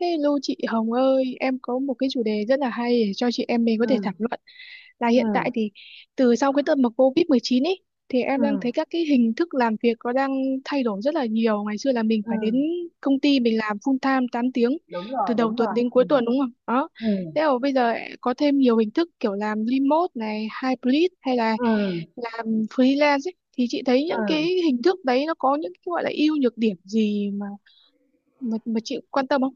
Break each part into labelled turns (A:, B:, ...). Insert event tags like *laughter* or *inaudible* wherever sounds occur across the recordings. A: Hello chị Hồng ơi, em có một cái chủ đề rất là hay để cho chị em mình có thể
B: Ừm,
A: thảo luận. Là hiện
B: ừm,
A: tại thì từ sau cái đợt mà COVID-19 ấy thì em đang
B: ừm,
A: thấy các cái hình thức làm việc có đang thay đổi rất là nhiều. Ngày xưa là mình phải
B: ừm,
A: đến công ty mình làm full time 8 tiếng từ đầu
B: đúng rồi,
A: tuần đến cuối tuần đúng không? Đó.
B: ừm,
A: Thế mà bây giờ có thêm nhiều hình thức kiểu làm remote này, hybrid hay là
B: ừm,
A: làm freelance ấy. Thì chị thấy những cái
B: ừm,
A: hình thức đấy nó có những cái gọi là ưu nhược điểm gì mà chị quan tâm không?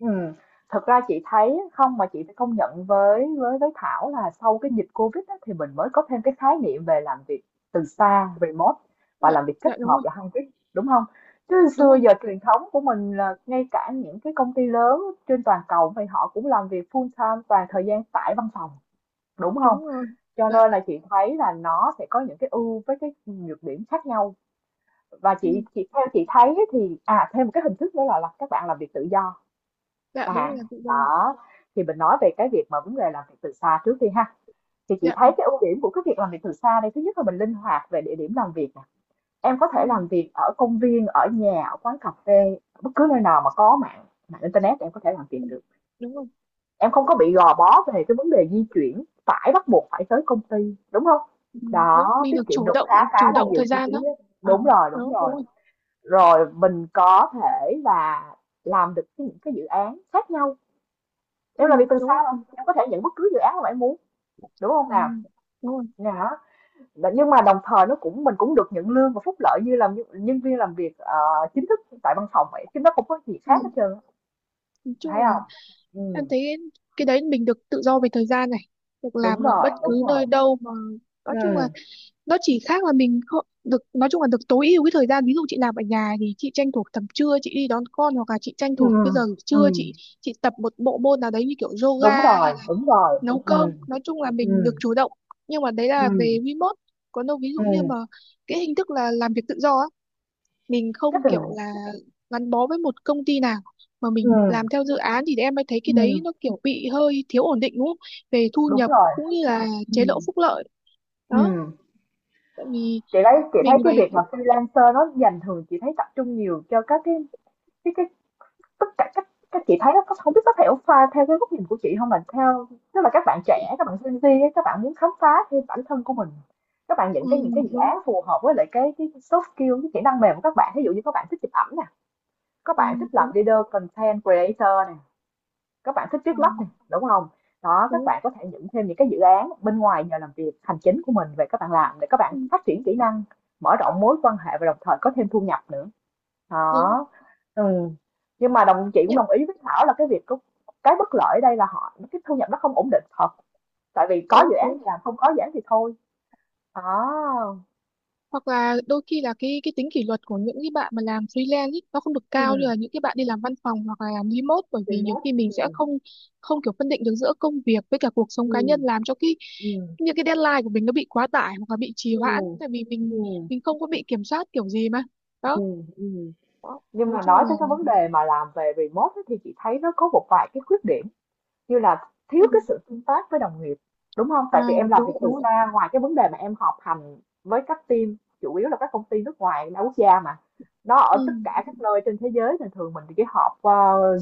B: ừm. Thật ra chị thấy không mà chị phải công nhận với Thảo là sau cái dịch Covid á, thì mình mới có thêm cái khái niệm về làm việc từ xa, remote, và
A: Dạ,
B: làm việc kết
A: dạ đúng
B: hợp
A: rồi.
B: là hybrid, đúng không? Chứ
A: Đúng
B: xưa
A: rồi,
B: giờ truyền thống của mình là ngay cả những cái công ty lớn trên toàn cầu thì họ cũng làm việc full time, toàn thời gian tại văn phòng, đúng không?
A: đúng rồi,
B: Cho
A: dạ,
B: nên là chị thấy là nó sẽ có những cái ưu với cái nhược điểm khác nhau. Và chị
A: ừ.
B: chị theo chị thấy thì à, thêm một cái hình thức nữa là các bạn làm việc tự do.
A: Dạ
B: Ừ.
A: đúng rồi,
B: À,
A: làm tự do.
B: đó, thì mình nói về cái việc mà vấn đề làm việc từ xa trước đi ha. Thì chị
A: Dạ,
B: thấy cái ưu điểm của cái việc làm việc từ xa đây, thứ nhất là mình linh hoạt về địa điểm làm việc nè. Em có
A: ừ.
B: thể làm việc ở công viên, ở nhà, ở quán cà phê, bất cứ nơi nào mà có mạng mạng internet em có thể làm
A: Ừ.
B: việc được.
A: Đúng rồi.
B: Em không có bị gò bó về cái vấn đề di chuyển, phải bắt buộc phải tới công ty, đúng không?
A: Ừ. Đúng,
B: Đó,
A: mình được
B: tiết kiệm
A: chủ
B: được
A: động,
B: khá khá
A: chủ
B: là
A: động
B: nhiều
A: thời
B: chi
A: gian
B: phí
A: đó.
B: á.
A: À,
B: Đúng rồi, đúng
A: đúng,
B: rồi,
A: đúng rồi.
B: rồi mình có thể là làm được những cái dự án khác nhau.
A: Ừ.
B: Em làm việc từ xa
A: Đúng.
B: mà,
A: Ừ.
B: em có thể nhận bất cứ dự án mà em muốn, đúng không
A: À,
B: nào?
A: đúng rồi.
B: Đó, nhưng mà đồng thời nó cũng mình cũng được nhận lương và phúc lợi như làm nhân nhân viên làm việc, chính thức tại văn phòng vậy, chứ nó không có gì
A: Ừ.
B: khác hết trơn,
A: Nói
B: thấy
A: chung là
B: không?
A: em
B: Ừm,
A: thấy cái đấy mình được tự do về thời gian này, được
B: đúng
A: làm ở
B: rồi,
A: bất cứ
B: đúng rồi.
A: nơi đâu mà, nói chung là
B: Ừm,
A: nó chỉ khác là mình không được, nói chung là được tối ưu cái thời gian. Ví dụ chị làm ở nhà thì chị tranh thủ tầm trưa chị đi đón con, hoặc là chị tranh thủ
B: ừm,
A: cái giờ trưa
B: ừm,
A: chị tập một bộ môn nào đấy như kiểu yoga,
B: đúng rồi, đúng rồi,
A: nấu cơm,
B: ừm,
A: nói chung là mình được
B: ừm,
A: chủ động. Nhưng mà đấy là
B: ừm,
A: về remote, còn đâu ví dụ như
B: ừm,
A: mà cái hình thức là làm việc tự do á, mình không
B: cái tình
A: kiểu là gắn bó với một công ty nào mà mình
B: ừm,
A: làm theo dự án, thì em mới thấy cái đấy
B: ừm,
A: nó kiểu bị hơi thiếu ổn định, đúng không, về thu
B: đúng
A: nhập
B: rồi,
A: cũng như là chế độ
B: ừm,
A: phúc lợi. Đó,
B: ừm.
A: tại vì
B: Chị thấy
A: mình
B: cái
A: phải.
B: việc mà freelancer nó dành thường chị thấy tập trung nhiều cho các cái cái tất cả các chị thấy nó không biết có thể pha theo cái góc nhìn của chị không, là theo, tức là các bạn trẻ, các bạn Gen Z ấy, các bạn muốn khám phá thêm bản thân của mình. Các bạn
A: Ừ,
B: những cái dự
A: đúng.
B: án phù hợp với lại cái soft skill, cái kỹ năng mềm của các bạn, ví dụ như các bạn thích chụp ảnh nè, các
A: Ừ,
B: bạn thích làm
A: đúng.
B: leader, content creator nè, các bạn thích
A: Ừ,
B: viết lách này, đúng không? Đó, các
A: đúng.
B: bạn có thể nhận thêm những cái dự án bên ngoài nhờ làm việc hành chính của mình về, các bạn làm để các
A: Ừ,
B: bạn
A: đúng.
B: phát triển kỹ năng, mở rộng mối quan hệ và đồng thời có thêm thu nhập nữa.
A: Đúng, đúng,
B: Đó. Ừ. Nhưng mà đồng chị cũng
A: đúng,
B: đồng ý với Thảo là cái việc cái bất lợi ở đây là họ, cái thu nhập nó không ổn định thật, tại vì có dự
A: đúng,
B: án
A: đúng.
B: thì làm, không có dự án thì thôi. Đó.
A: Hoặc là đôi khi là cái tính kỷ luật của những cái bạn mà làm freelance ý, nó không được cao như
B: Ừ,
A: là những cái bạn đi làm văn phòng hoặc là làm remote, bởi vì nhiều
B: remote.
A: khi mình
B: Ừ.
A: sẽ không, không kiểu phân định được giữa công việc với cả cuộc sống cá
B: Ừ.
A: nhân, làm cho cái
B: Ừ.
A: những cái deadline của mình nó bị quá tải hoặc là bị trì
B: Ừ.
A: hoãn,
B: Ừ.
A: tại vì mình
B: Ừ.
A: mình không có bị kiểm soát kiểu gì mà.
B: Ừ.
A: Đó,
B: Ừ, ừ.
A: đó.
B: Nhưng
A: Nói
B: mà
A: chung
B: nói
A: là.
B: tới cái vấn đề mà làm về remote ấy, thì chị thấy nó có một vài cái khuyết điểm, như là thiếu
A: Ừ.
B: cái sự tương tác với đồng nghiệp, đúng không?
A: À,
B: Tại vì em làm việc
A: đúng,
B: từ
A: đúng rồi.
B: xa, ngoài cái vấn đề mà em họp hành với các team, chủ yếu là các công ty nước ngoài đa quốc gia mà, nó ở
A: Ừ.
B: tất cả các nơi trên thế giới, thì thường mình chỉ họp qua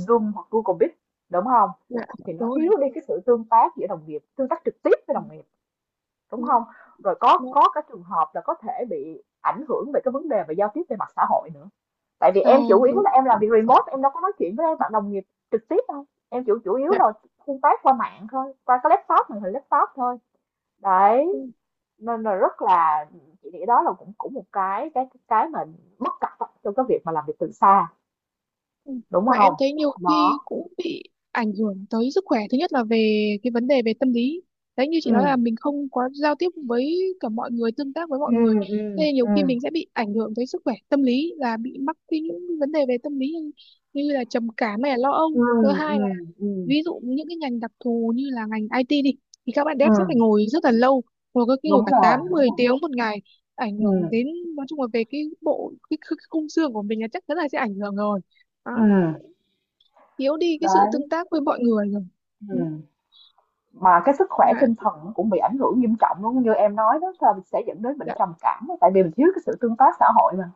B: Zoom hoặc Google Meet, đúng không?
A: Dạ
B: Thì nó
A: đúng rồi.
B: thiếu đi cái sự tương tác giữa đồng nghiệp, tương tác trực tiếp với
A: Ừ,
B: đồng nghiệp, đúng
A: đúng.
B: không? Rồi có
A: Dạ.
B: có cái trường hợp là có thể bị ảnh hưởng về cái vấn đề về giao tiếp, về mặt xã hội nữa. Tại vì
A: À,
B: em chủ yếu
A: đúng.
B: là em làm việc remote, em đâu có nói chuyện với bạn đồng nghiệp trực tiếp đâu, em chủ chủ yếu
A: Dạ.
B: là tương tác qua mạng thôi, qua cái laptop, màn hình laptop thôi. Đấy, nên là rất là, chị nghĩ đó là cũng cũng một cái cái mà bất cập á, trong cái việc mà làm việc từ xa,
A: Ừ.
B: đúng
A: Mà
B: không?
A: em thấy nhiều khi
B: Đó.
A: cũng bị ảnh hưởng tới sức khỏe. Thứ nhất là về cái vấn đề về tâm lý. Đấy như chị nói là
B: Ừ,
A: mình không có giao tiếp với cả mọi người, tương tác với
B: ừ,
A: mọi người.
B: ừ,
A: Nên nhiều
B: ừ,
A: khi mình sẽ bị ảnh hưởng tới sức khỏe tâm lý, là bị mắc cái những vấn đề về tâm lý như, như là trầm cảm hay là lo âu.
B: ừ,
A: Thứ hai
B: ừ,
A: là,
B: ừ,
A: ví dụ những cái ngành đặc thù như là ngành IT đi, thì các bạn dev sẽ phải
B: ừ.
A: ngồi rất là lâu, ngồi có khi ngồi
B: Đúng
A: cả
B: rồi,
A: 8
B: đúng
A: 10
B: rồi.
A: tiếng 1 ngày, ảnh hưởng
B: Ừ,
A: đến, nói chung là về cái bộ cái khung xương của mình là chắc chắn là sẽ ảnh hưởng rồi. Đó,
B: ừ.
A: thiếu đi cái sự
B: Đấy.
A: tương tác với mọi người rồi. Ừ.
B: Ừ. Mà cái sức khỏe
A: Mà.
B: tinh thần cũng bị ảnh hưởng nghiêm trọng luôn, như em nói đó, là sẽ dẫn đến bệnh
A: Dạ
B: trầm cảm, tại vì mình thiếu cái sự tương tác xã hội mà,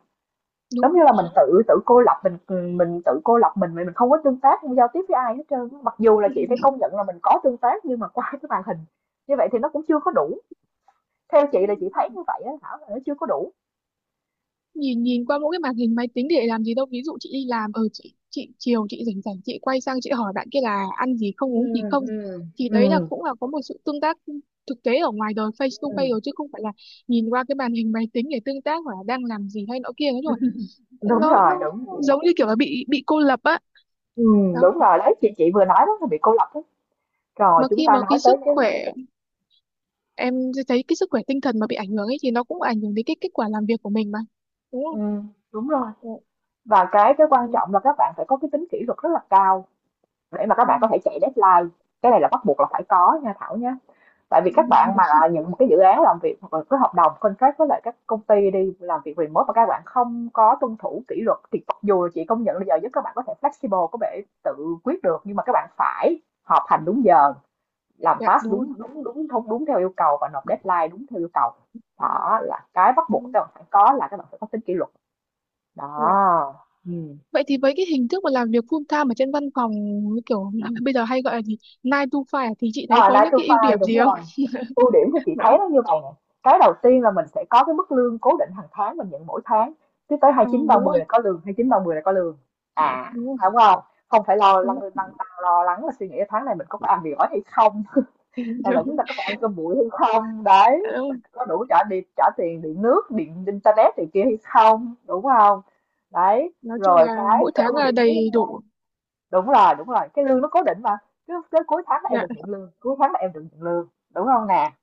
A: đúng
B: giống
A: rồi.
B: như là mình tự tự cô lập mình. Mình tự cô lập mình không có tương tác, không giao tiếp với ai hết trơn, mặc dù là
A: Ừ.
B: chị phải công nhận là mình có tương tác nhưng mà qua cái màn hình như vậy thì nó cũng chưa có đủ. Theo chị là chị thấy như vậy á Thảo, là nó chưa có đủ.
A: nhìn nhìn qua mỗi cái màn hình máy tính để làm gì đâu, ví dụ chị đi làm ở, chị chiều chị rảnh rảnh chị quay sang chị hỏi bạn kia là ăn gì
B: Ừ,
A: không, uống gì không,
B: ừ,
A: thì
B: ừ,
A: đấy là cũng là có một sự tương tác thực tế ở ngoài đời, face to
B: ừ,
A: face rồi, chứ không phải là nhìn qua cái màn hình máy tính để tương tác hoặc là đang làm gì hay nọ kia nữa rồi.
B: đúng
A: nó
B: rồi,
A: nó
B: đúng rồi.
A: giống như kiểu là bị cô lập á.
B: Ừ,
A: Đó.
B: đúng rồi, đấy, chị vừa nói đó, là bị cô lập đó. Rồi
A: Mà
B: chúng
A: khi
B: ta
A: mà
B: nói
A: cái
B: tới
A: sức
B: cái,
A: khỏe, em thấy cái sức khỏe tinh thần mà bị ảnh hưởng ấy thì nó cũng ảnh hưởng đến cái kết quả làm việc của mình mà, đúng
B: ừ,
A: không?
B: đúng rồi,
A: Dạ, đúng.
B: và cái quan
A: Ừ.
B: trọng là các bạn phải có cái tính kỷ luật rất là cao, để mà các bạn có thể
A: *laughs*
B: chạy deadline. Cái này là bắt buộc là phải có nha Thảo nhé. Tại vì
A: Ừ.
B: các bạn mà nhận một cái dự án làm việc hoặc là cái hợp đồng contract với lại các công ty đi làm việc remote, mà các bạn không có tuân thủ kỷ luật, thì mặc dù chị công nhận là giờ giấc các bạn có thể flexible, có thể tự quyết được, nhưng mà các bạn phải họp hành đúng giờ, làm
A: Dạ
B: task
A: đúng rồi.
B: đúng đúng đúng đúng đúng theo yêu cầu, và nộp deadline đúng theo yêu cầu. Đó là cái bắt
A: À,
B: buộc các bạn phải có, là các bạn phải có tính kỷ luật.
A: dạ.
B: Đó. Ừ.
A: Vậy thì với cái hình thức mà làm việc full time ở trên văn phòng, như kiểu là *laughs* bây giờ hay gọi là gì, nine to five à? Thì chị thấy
B: Ờ,
A: có những cái ưu
B: Nine-to-five,
A: điểm
B: đúng
A: gì không?
B: rồi. Ưu điểm thì chị
A: Đó.
B: thấy nó như vậy nè, cái đầu tiên là mình sẽ có cái mức lương cố định hàng tháng mình nhận mỗi tháng, cứ tới
A: À, đúng
B: 29, 30
A: rồi.
B: là có lương, 29, 30 là có lương. À,
A: Đúng rồi.
B: đúng không? Không phải lo
A: Đúng
B: lăn
A: rồi.
B: lăn tăn, lo lắng là suy nghĩ tháng này mình có phải ăn mì gói hay không, *laughs*
A: *laughs* Ừ,
B: hay là chúng
A: đúng.
B: ta có phải ăn cơm bụi hay không, đấy,
A: Dạ, đúng rồi.
B: có đủ trả điện, trả tiền điện nước, điện internet này kia hay không, đúng không? Đấy,
A: Nói chung
B: rồi
A: là
B: cái
A: mỗi
B: cái
A: tháng
B: ưu
A: là
B: điểm thứ,
A: đầy đủ.
B: đúng rồi, đúng rồi, cái lương nó cố định mà, cứ tới cuối tháng là em
A: Dạ.
B: được nhận lương, cuối tháng là em được nhận lương, đúng không nè?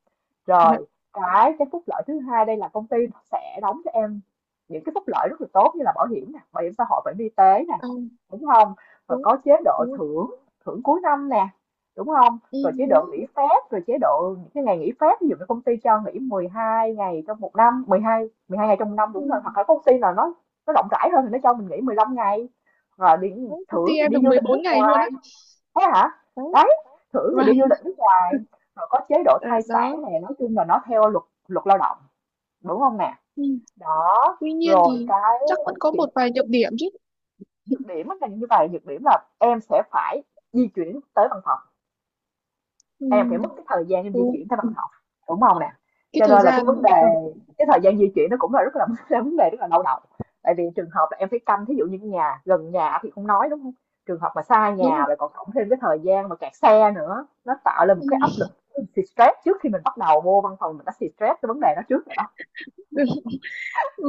A: Dạ.
B: Rồi, cái phúc lợi thứ hai đây là công ty sẽ đóng cho em những cái phúc lợi rất là tốt, như là bảo hiểm nè, bảo hiểm xã hội, bảo hiểm y tế nè,
A: À,
B: đúng không? Rồi
A: đúng.
B: có chế độ
A: Đúng rồi.
B: thưởng, thưởng cuối năm nè, đúng không?
A: Ừ,
B: Rồi
A: đúng,
B: chế độ nghỉ
A: đúng.
B: phép, rồi chế độ những cái ngày nghỉ phép, ví dụ như công ty cho nghỉ 12 ngày trong một năm, 12 12 ngày trong năm
A: Ừ.
B: đúng rồi, hoặc là công ty nào nó rộng rãi hơn thì nó cho mình nghỉ 15 ngày. Rồi đi
A: Đấy, công
B: thưởng
A: ty
B: thì
A: em
B: đi
A: được
B: du
A: mười
B: lịch
A: bốn
B: nước
A: ngày luôn
B: ngoài.
A: á.
B: Thế hả?
A: Đấy.
B: Đấy, thử thì đi
A: Vâng.
B: du lịch nước ngoài, rồi có chế độ
A: Ờ,
B: thai
A: đó.
B: sản này, nói chung là nó theo luật, luật lao động, đúng không nè?
A: Ừ.
B: Đó,
A: Tuy nhiên
B: rồi
A: thì
B: cái
A: chắc vẫn có
B: chị,
A: một vài nhược điểm chứ.
B: nhược điểm á là như vậy, nhược điểm là em sẽ phải di chuyển tới văn phòng.
A: Ừ.
B: Em phải mất cái thời gian em di
A: Đúng.
B: chuyển tới văn
A: Ừ.
B: phòng, đúng không nè?
A: Cái
B: Cho
A: thời
B: nên là cái
A: gian,
B: vấn đề
A: ờ,
B: cái thời gian di chuyển nó cũng là rất là *laughs* là vấn đề rất là đau đầu, tại vì trường hợp là em phải canh, thí dụ như cái nhà gần nhà thì không nói, đúng không? Trường hợp mà xa
A: đúng
B: nhà
A: rồi.
B: rồi còn cộng thêm cái thời gian mà kẹt xe nữa, nó tạo lên một cái áp
A: Ừ.
B: lực, thì stress trước khi mình bắt đầu vô văn phòng mình đã xì stress cái vấn đề đó trước rồi đó.
A: *laughs*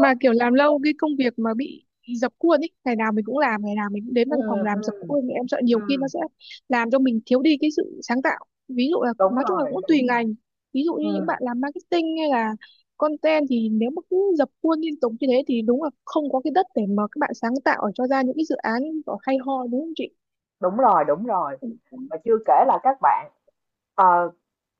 A: Mà kiểu làm lâu cái công việc mà bị dập khuôn ấy, ngày nào mình cũng làm, ngày nào mình cũng đến
B: Ừ,
A: văn phòng
B: ừ,
A: làm dập khuôn, thì em sợ nhiều khi
B: ừ.
A: nó sẽ làm cho mình thiếu đi cái sự sáng tạo. Ví dụ là
B: Đúng
A: nói chung là
B: rồi,
A: cũng tùy
B: đúng rồi.
A: ngành. Ví dụ như những
B: Ừ.
A: bạn làm marketing hay là content thì nếu mà cứ dập khuôn liên tục như thế thì đúng là không có cái đất để mà các bạn sáng tạo ở cho ra những cái dự án có hay ho, đúng không chị?
B: Đúng rồi, đúng rồi, và chưa kể là các bạn, ờ,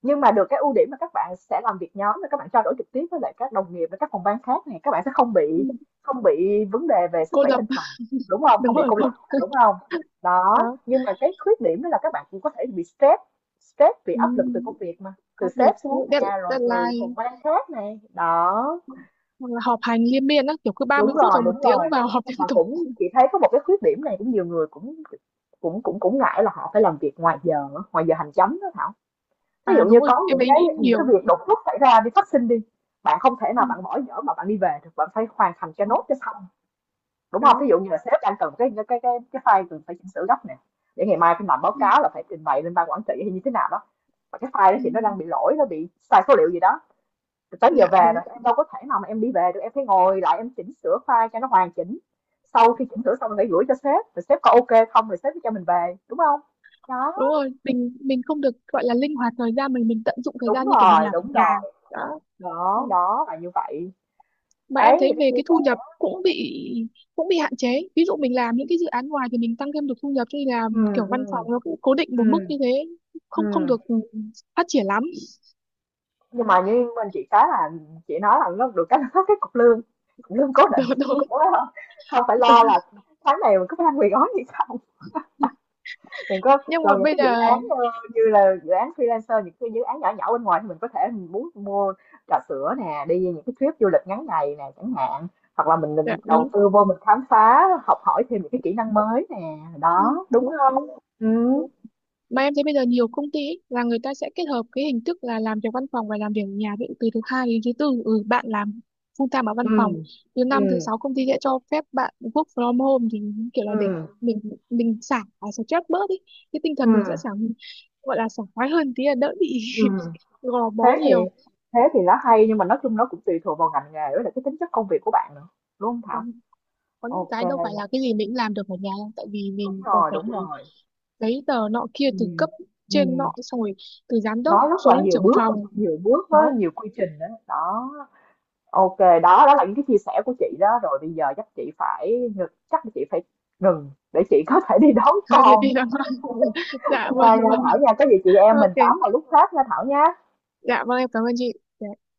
B: nhưng mà được cái ưu điểm là các bạn sẽ làm việc nhóm, các bạn trao đổi trực tiếp với lại các đồng nghiệp và các phòng ban khác này, các bạn sẽ không
A: Ừ.
B: bị, không bị vấn đề về sức
A: Cô
B: khỏe
A: dập.
B: tinh thần, đúng không? Không
A: Đúng
B: bị
A: rồi,
B: cô
A: không.
B: lập, đúng không? Đó,
A: Đó.
B: nhưng mà cái khuyết điểm đó là các bạn cũng có thể bị stress, stress bị
A: Ừ,
B: áp lực từ công việc mà, từ
A: có được.
B: sếp xuống
A: Dead,
B: nè, rồi từ
A: deadline
B: phòng ban khác này đó.
A: hoặc là họp hành liên miên á, kiểu cứ ba
B: Đúng
A: mươi phút
B: rồi,
A: hoặc một
B: đúng
A: tiếng
B: rồi,
A: vào họp liên
B: mà
A: tục.
B: cũng chị thấy có một cái khuyết điểm này cũng nhiều người cũng cũng cũng cũng ngại là họ phải làm việc ngoài giờ, ngoài giờ hành chánh đó Thảo. Ví
A: À
B: dụ
A: đúng
B: như
A: rồi,
B: có
A: em ấy nghĩ
B: những cái
A: nhiều.
B: việc đột xuất xảy ra đi, phát sinh đi, bạn không thể
A: Ừ.
B: nào bạn bỏ dở mà bạn đi về được, bạn phải hoàn thành cho
A: Đúng,
B: nốt cho xong, đúng không?
A: đó.
B: Ví dụ như là sếp đang cần cái cái, file cần phải chỉnh sửa gấp nè, để ngày mai phải làm báo
A: Ừ.
B: cáo, là phải trình bày lên ban quản trị hay như thế nào đó, mà cái file đó
A: Ừ.
B: thì nó đang bị lỗi, nó bị sai số liệu gì đó, tới giờ
A: Dạ
B: về
A: đúng.
B: rồi em đâu có thể nào mà em đi về được, em phải ngồi lại em chỉnh sửa file cho nó hoàn chỉnh, sau khi chỉnh sửa xong rồi phải gửi cho sếp, rồi sếp có ok không, rồi sếp mới cho mình về, đúng không? Đó,
A: Đúng rồi, mình không được gọi là linh hoạt thời gian, mình tận dụng thời gian như kiểu mình làm ở
B: đúng
A: nhà.
B: rồi,
A: Đó. Đó,
B: đó, đó là như vậy.
A: mà em
B: Ấy
A: thấy
B: thì nó
A: về
B: chia
A: cái
B: sẻ,
A: thu nhập cũng bị, cũng bị hạn chế. Ví dụ mình làm những cái dự án ngoài thì mình tăng thêm được thu nhập, cho nên là
B: ừ,
A: kiểu
B: ừ,
A: văn phòng nó cũng cố định
B: ừ,
A: một mức như thế,
B: ừ,
A: không không được phát triển lắm.
B: nhưng
A: Ừ.
B: mà như mình chị cái là, chị nói là nó được cái, nó có cái cục lương, cục lương cố định,
A: Đúng, đúng,
B: đúng không? Không phải
A: đúng.
B: lo là tháng này mình có phải ăn mì gói gì không, đừng có
A: Nhưng mà
B: còn những
A: bây
B: cái dự
A: giờ.
B: án, như là dự án freelancer, những cái dự án nhỏ nhỏ bên ngoài, thì mình có thể mình muốn mua trà sữa nè đi, những cái trip du lịch ngắn ngày nè chẳng hạn, hoặc là mình
A: Dạ,
B: định đầu
A: đúng.
B: tư vô mình khám phá, học hỏi thêm những cái kỹ năng mới nè.
A: Ừ,
B: Đó, đúng
A: đúng.
B: không? Ừ,
A: Đúng. Mà em thấy bây giờ nhiều công ty ý, là người ta sẽ kết hợp cái hình thức là làm việc văn phòng và làm việc ở nhà. Ví dụ từ thứ hai đến thứ tư, ừ, bạn làm full time ở văn
B: ừ,
A: phòng, thứ
B: ừ,
A: năm thứ sáu công ty sẽ cho phép bạn work from home, thì kiểu là để
B: ừ.
A: mình mình xả stress bớt đi, cái tinh
B: Ừ,
A: thần mình sẽ xả, gọi là sảng khoái hơn tí, là đỡ bị *laughs*
B: ừm,
A: gò bó
B: thế thì,
A: nhiều.
B: thế thì nó
A: Dạ.
B: hay, nhưng mà nói chung nó cũng tùy thuộc vào ngành nghề với lại cái tính chất công việc của bạn nữa, đúng không
A: Ừ,
B: Thảo?
A: có những cái đâu
B: Ok,
A: phải là cái gì mình cũng làm được ở nhà đâu, tại vì
B: đúng
A: mình còn
B: rồi,
A: phải
B: đúng rồi.
A: giấy tờ nọ kia,
B: Ừ,
A: từ cấp trên nọ
B: ừm,
A: xong rồi, từ giám đốc
B: nó rất
A: xuống
B: là
A: đến trưởng phòng.
B: nhiều bước với
A: Đó.
B: nhiều quy trình đó. Đó. Ok, đó, đó là những cái chia sẻ của chị đó, rồi bây giờ chắc chị phải ngừng, chắc là chị phải ngừng để chị có thể đi
A: *laughs*
B: đón
A: Thôi thế
B: con,
A: thì là *laughs* dạ vâng
B: nha nha
A: vâng
B: Thảo
A: vâng.
B: nha, có gì chị em mình
A: Ok.
B: tám vào lúc khác nha Thảo nha.
A: Dạ vâng, em cảm ơn chị. Dạ.